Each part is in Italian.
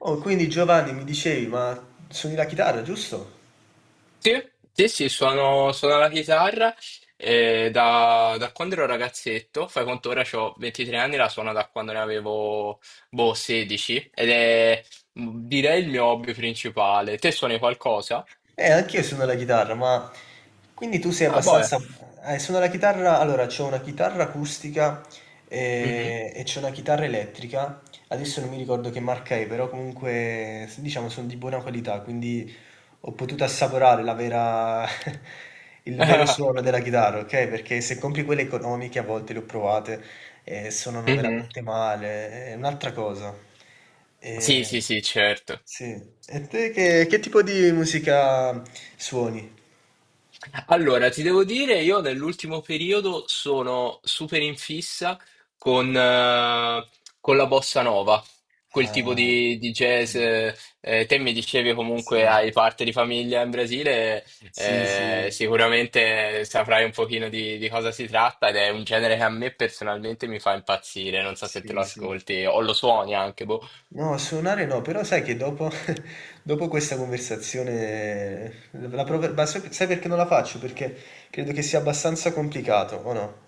Oh, quindi Giovanni mi dicevi, ma suoni la chitarra, giusto? Sì, sì, sì, suono la chitarra da quando ero ragazzetto, fai conto ora ho 23 anni, la suono da quando ne avevo boh, 16 ed è direi il mio hobby principale. Te suoni qualcosa? Anch'io suono la chitarra, ma quindi tu sei Ah, boia. abbastanza... suono la chitarra, allora c'ho una chitarra acustica Mhm. e c'ho una chitarra elettrica, adesso non mi ricordo che marca è, però comunque diciamo sono di buona qualità, quindi ho potuto assaporare la vera... il vero suono della chitarra, ok? Perché se compri quelle economiche a volte le ho provate e suonano Mhm. veramente male, è un'altra cosa. Sì, E, sì, sì, certo. sì. E te che tipo di musica suoni? Allora, ti devo dire, io nell'ultimo periodo sono super in fissa con, eh, con la bossa nova, quel tipo Ah, di ok, jazz. Te mi dicevi comunque sì, hai parte di famiglia in Brasile, sì, sì, sicuramente saprai un pochino di cosa si tratta ed è un genere che a me personalmente mi fa impazzire, non so se te sì, lo sì. ascolti o lo suoni anche, boh. No, suonare no, però sai che dopo, dopo questa conversazione, ma sai perché non la faccio? Perché credo che sia abbastanza complicato, o no?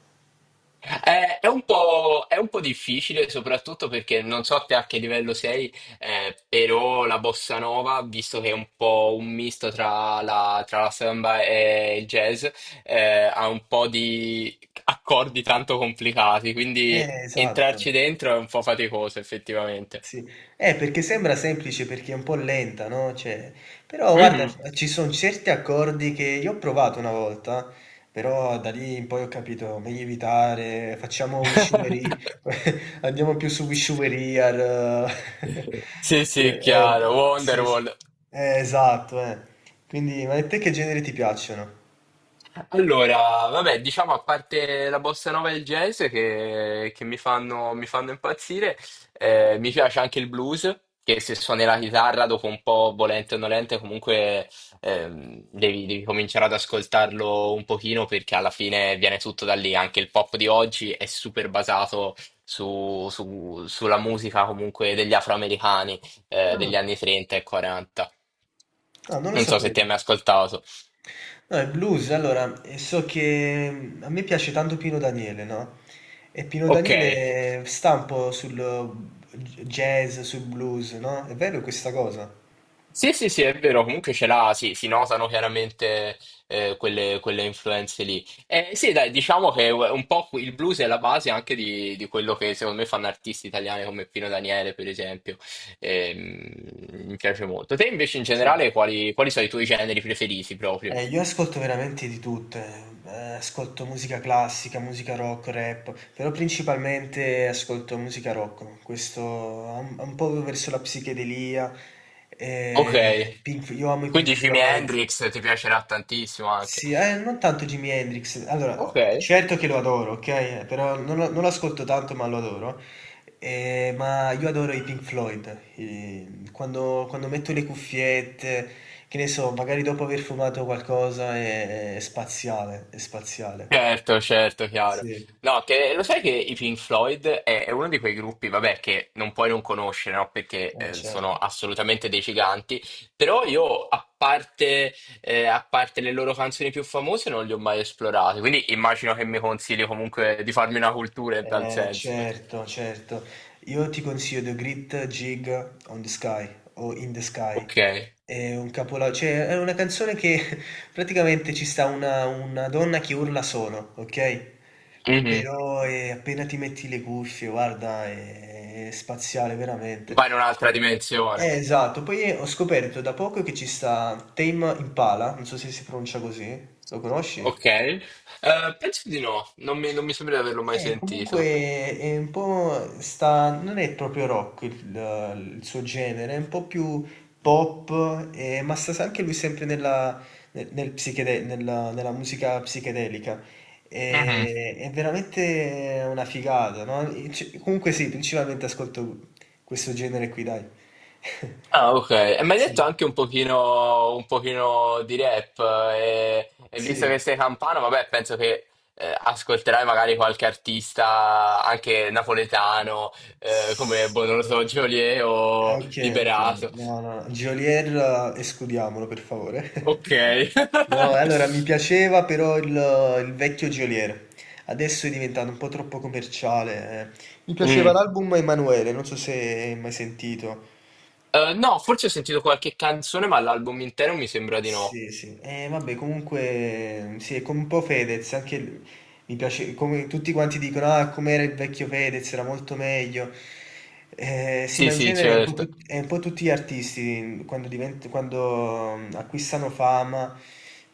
È un po' difficile, soprattutto perché non so te a che livello sei, però la bossa nova, visto che è un po' un misto tra la samba e il jazz, ha un po' di accordi tanto complicati, quindi Esatto. entrarci dentro è un po' faticoso, effettivamente. Sì. Perché sembra semplice perché è un po' lenta, no, cioè però guarda Mhm. f ci son certi accordi che io ho provato una volta, però da lì in poi ho capito meglio evitare, facciamo Wishumery andiamo più su Wishumery al Sì, sì, chiaro, beh, sì, s Wonderwall. Esatto, Quindi ma a te che generi ti piacciono? Allora, vabbè, diciamo a parte la bossa nova e il jazz che mi fanno impazzire, mi piace anche il blues, che se suoni la chitarra dopo un po', volente o nolente, comunque devi cominciare ad ascoltarlo un pochino perché alla fine viene tutto da lì. Anche il pop di oggi è super basato sulla musica comunque degli afroamericani Ah, degli anni 30 e 40. ah, non lo Non so se sapevo. ti hai mai ascoltato. No, il blues, allora, so che a me piace tanto Pino Daniele, no? E Pino Ok. Daniele sta un po' sul jazz, sul blues, no? È vero questa cosa? Sì, sì, sì, è vero, comunque ce l'ha, sì, si notano chiaramente quelle influenze lì. Sì, dai, diciamo che un po' il blues è la base anche di quello che secondo me fanno artisti italiani come Pino Daniele, per esempio. Ehm, mi piace molto. Te invece in Sì. generale quali, quali sono i tuoi generi preferiti proprio? Io ascolto veramente di tutte, eh, ascolto musica classica, musica rock, rap, però principalmente ascolto musica rock, questo un po' verso la psichedelia, Ok, io amo i quindi Pink Jimi Floyd. Hendrix ti piacerà tantissimo anche. Sì, non tanto Jimi Hendrix. Allora, Ok. oh, certo che lo adoro, ok? Però non lo ascolto tanto, ma lo adoro. Ma io adoro i Pink Floyd. Quando, quando metto le cuffiette, che ne so, magari dopo aver fumato qualcosa, è spaziale, è spaziale. Certo, certo, Sì, chiaro. No, che lo sai che i Pink Floyd è uno di quei gruppi, vabbè, che non puoi non conoscere, no? Perché sono certo. assolutamente dei giganti, però io, a parte le loro canzoni più famose, non li ho mai esplorati, quindi immagino che mi consigli comunque di farmi una cultura in tal senso. Certo, certo. Io ti consiglio The Great Gig on the Sky o In the Sky. Ok. È un capolavoro, cioè è una canzone che praticamente ci sta una donna che urla solo, ok? Mhm. Però appena ti metti le cuffie, guarda, è spaziale veramente. Vai in un'altra dimensione. Esatto, poi ho scoperto da poco che ci sta Tame Impala, non so se si pronuncia così, lo conosci? Ok. Penso di no, non mi, non mi sembra di averlo mai sentito. Comunque è un po' sta, non è proprio rock il suo genere, è un po' più pop, ma sta anche lui sempre nella, nel- nel psichede- nella- nella musica psichedelica. È veramente una figata, no? E comunque sì, principalmente ascolto questo genere qui, dai. Ah, ok. E mi hai detto Sì, anche un pochino di rap e visto che sei campano, vabbè, penso che ascolterai magari qualche artista anche napoletano, come, sì. boh, non lo so, Geolier Ah, o okay, okay. Liberato. No, no, Geolier escludiamolo per favore. Ok. No, allora mi piaceva però il vecchio Geolier. Adesso è diventato un po' troppo commerciale, eh. Mi piaceva Mm. l'album Emanuele, non so se hai mai sentito. No, forse ho sentito qualche canzone, ma l'album intero mi sembra di no. Sì, sì. Vabbè, comunque, sì, è come un po' Fedez, anche mi piace, come tutti quanti dicono, ah, com'era il vecchio Fedez, era molto meglio. Sì, Sì, ma in sì, genere è un po', certo. È un po' tutti gli artisti, quando, acquistano fama,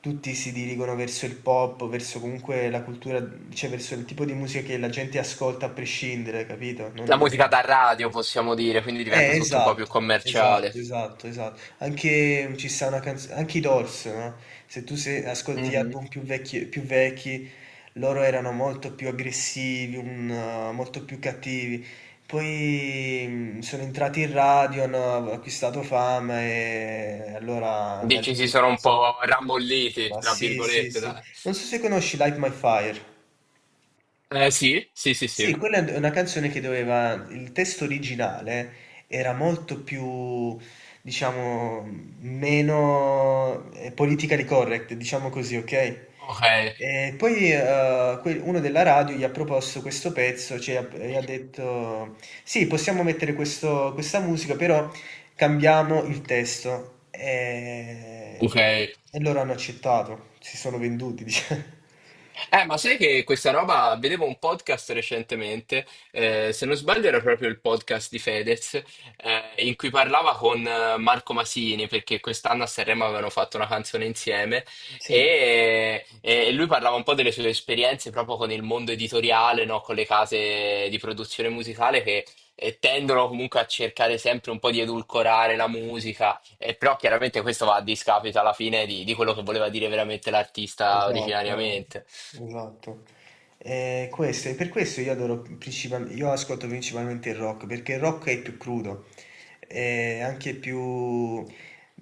tutti si dirigono verso il pop, verso comunque la cultura, cioè verso il tipo di musica che la gente ascolta a prescindere, capito? La Non... musica da radio, possiamo dire, quindi diventa tutto un po' più esatto, commerciale. esatto, esatto, esatto. Anche ci sta una canzone, anche i Doors, no? Se tu ascolti Mhm. album più vecchi, loro erano molto più aggressivi, molto più cattivi. Poi sono entrati in radio, hanno acquistato fama e allora da Dici si lì... sono un sì. po' rammolliti, Ma tra sì, sì, virgolette, sì. dai. Non so se conosci Light My Fire. Eh sì, sì, sì, Sì, sì. quella è una canzone che doveva, il testo originale era molto più, diciamo, meno politically correct, diciamo così, ok? Ok, E poi uno della radio gli ha proposto questo pezzo, cioè gli ha detto, sì, possiamo mettere questa musica, però cambiamo il testo. Ok. E loro hanno accettato, si sono venduti, diciamo. Ma sai che questa roba, vedevo un podcast recentemente, se non sbaglio era proprio il podcast di Fedez, in cui parlava con Marco Masini, perché quest'anno a Sanremo avevano fatto una canzone insieme Sì. e lui parlava un po' delle sue esperienze proprio con il mondo editoriale, no? Con le case di produzione musicale che tendono comunque a cercare sempre un po' di edulcorare la musica e però chiaramente questo va a discapito alla fine di quello che voleva dire veramente l'artista Esatto, originariamente. Esatto. E questo, e per questo io adoro io ascolto principalmente il rock, perché il rock è più crudo, è anche più...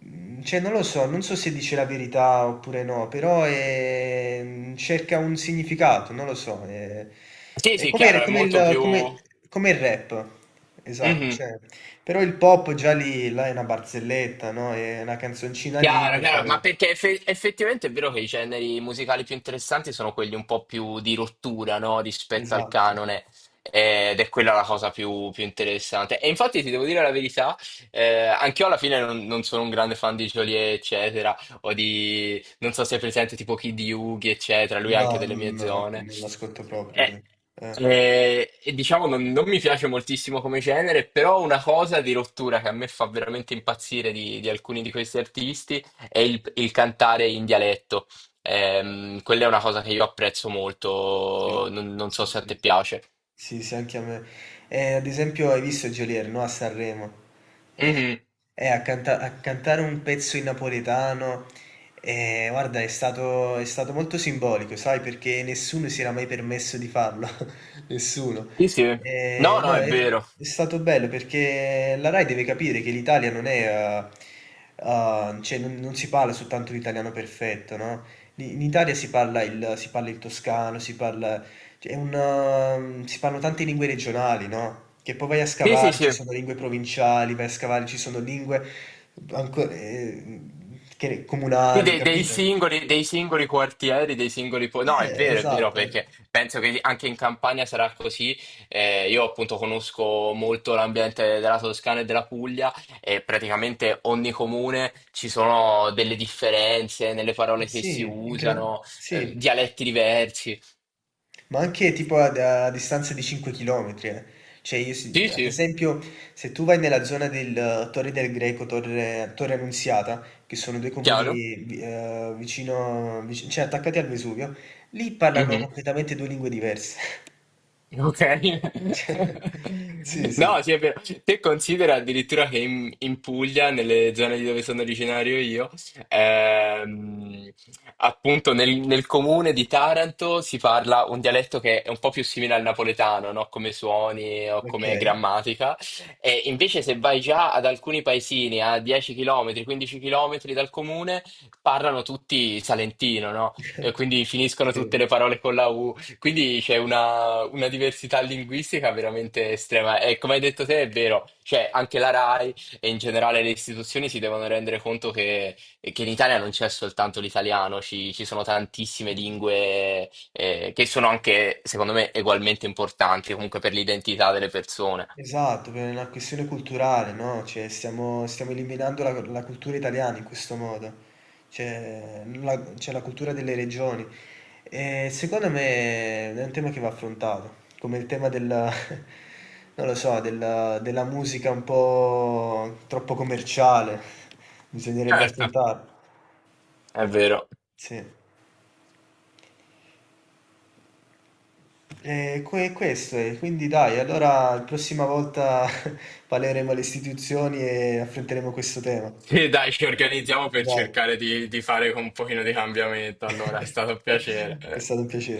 cioè, non lo so, non so se dice la verità oppure no, però cerca un significato, non lo so. Sì, È sì, chiaro, come, è molto più... come il rap, esatto. Mhm. Cioè, però il pop già lì, là è una barzelletta, no? È una canzoncina lì Chiaro, per chiaro, ma fare... perché effettivamente è vero che i generi musicali più interessanti sono quelli un po' più di rottura, no? Rispetto al Esatto. canone, ed è quella la cosa più, più interessante. E infatti ti devo dire la verità, anch'io alla fine non, non sono un grande fan di Joliet, eccetera, o di, non so se è presente tipo Kid Yugi, eccetera, lui è No, anche delle no, mie no, zone. non l'ascolto proprio Eh, lui. Eh, e diciamo non, non mi piace moltissimo come genere, però una cosa di rottura che a me fa veramente impazzire di alcuni di questi artisti è il cantare in dialetto. Quella è una cosa che io apprezzo molto, sì, non, non so sì, se a sì. te piace. Sì, sì, anche a me. Ad esempio, hai visto Geolier, no? A Sanremo. Eh, Mhm. A cantare un pezzo in napoletano, guarda, è stato molto simbolico, sai, perché nessuno si era mai permesso di farlo. Nessuno. Sì, sì. No, No, no, è vero. è stato bello perché la Rai deve capire che l'Italia non è... cioè, non, non si parla soltanto l'italiano perfetto, no? In Italia si parla si parla il toscano, si parla cioè, è un si parlano tante lingue regionali, no, che poi vai a Sì, sì, scavare, sì. ci sono lingue provinciali, vai a scavare, ci sono lingue anco che Sì, comunali, dei, capito? Dei singoli quartieri, dei singoli... No, è vero, Esatto. perché penso che anche in Campania sarà così. Io appunto conosco molto l'ambiente della Toscana e della Puglia e praticamente ogni comune ci sono delle differenze nelle Eh parole che si sì, incredi usano, sì. dialetti diversi. Ma anche tipo a, a distanza di 5 km, eh. Cioè io, Sì, ad sì, esempio, se tu vai nella zona del Torre del Greco, Torre Annunziata, che sono due comuni chiaro. Cioè attaccati al Vesuvio, lì parlano completamente due lingue diverse. Ok. Cioè, sì, sì, No, sì, è vero. Te considera addirittura che in, in Puglia, nelle zone di dove sono originario io, ehm, appunto nel, nel comune di Taranto si parla un dialetto che è un po' più simile al napoletano, no? Come suoni o ok. come grammatica. E invece se vai già ad alcuni paesini a 10 km, 15 km dal comune, parlano tutti salentino, no? E quindi finiscono tutte Sì, le parole con la U. Quindi c'è una diversità linguistica veramente estrema e come hai detto te è vero, cioè anche la RAI e in generale le istituzioni si devono rendere conto che in Italia non c'è soltanto l'italiano, ci, ci sono tantissime sì. lingue che sono anche, secondo me, ugualmente importanti comunque per l'identità delle persone. Esatto, per una questione culturale, no? Cioè, stiamo eliminando la cultura italiana in questo modo, cioè la cultura delle regioni. E secondo me è un tema che va affrontato, come il tema della, non lo so, della musica un po' troppo commerciale, bisognerebbe Certo. affrontarlo. È vero. Sì. E questo è, quindi dai, allora la prossima volta parleremo alle istituzioni e affronteremo questo tema. Sì, dai, ci organizziamo per Dai. cercare di fare un pochino di cambiamento, allora è stato un piacere. È stato un piacere.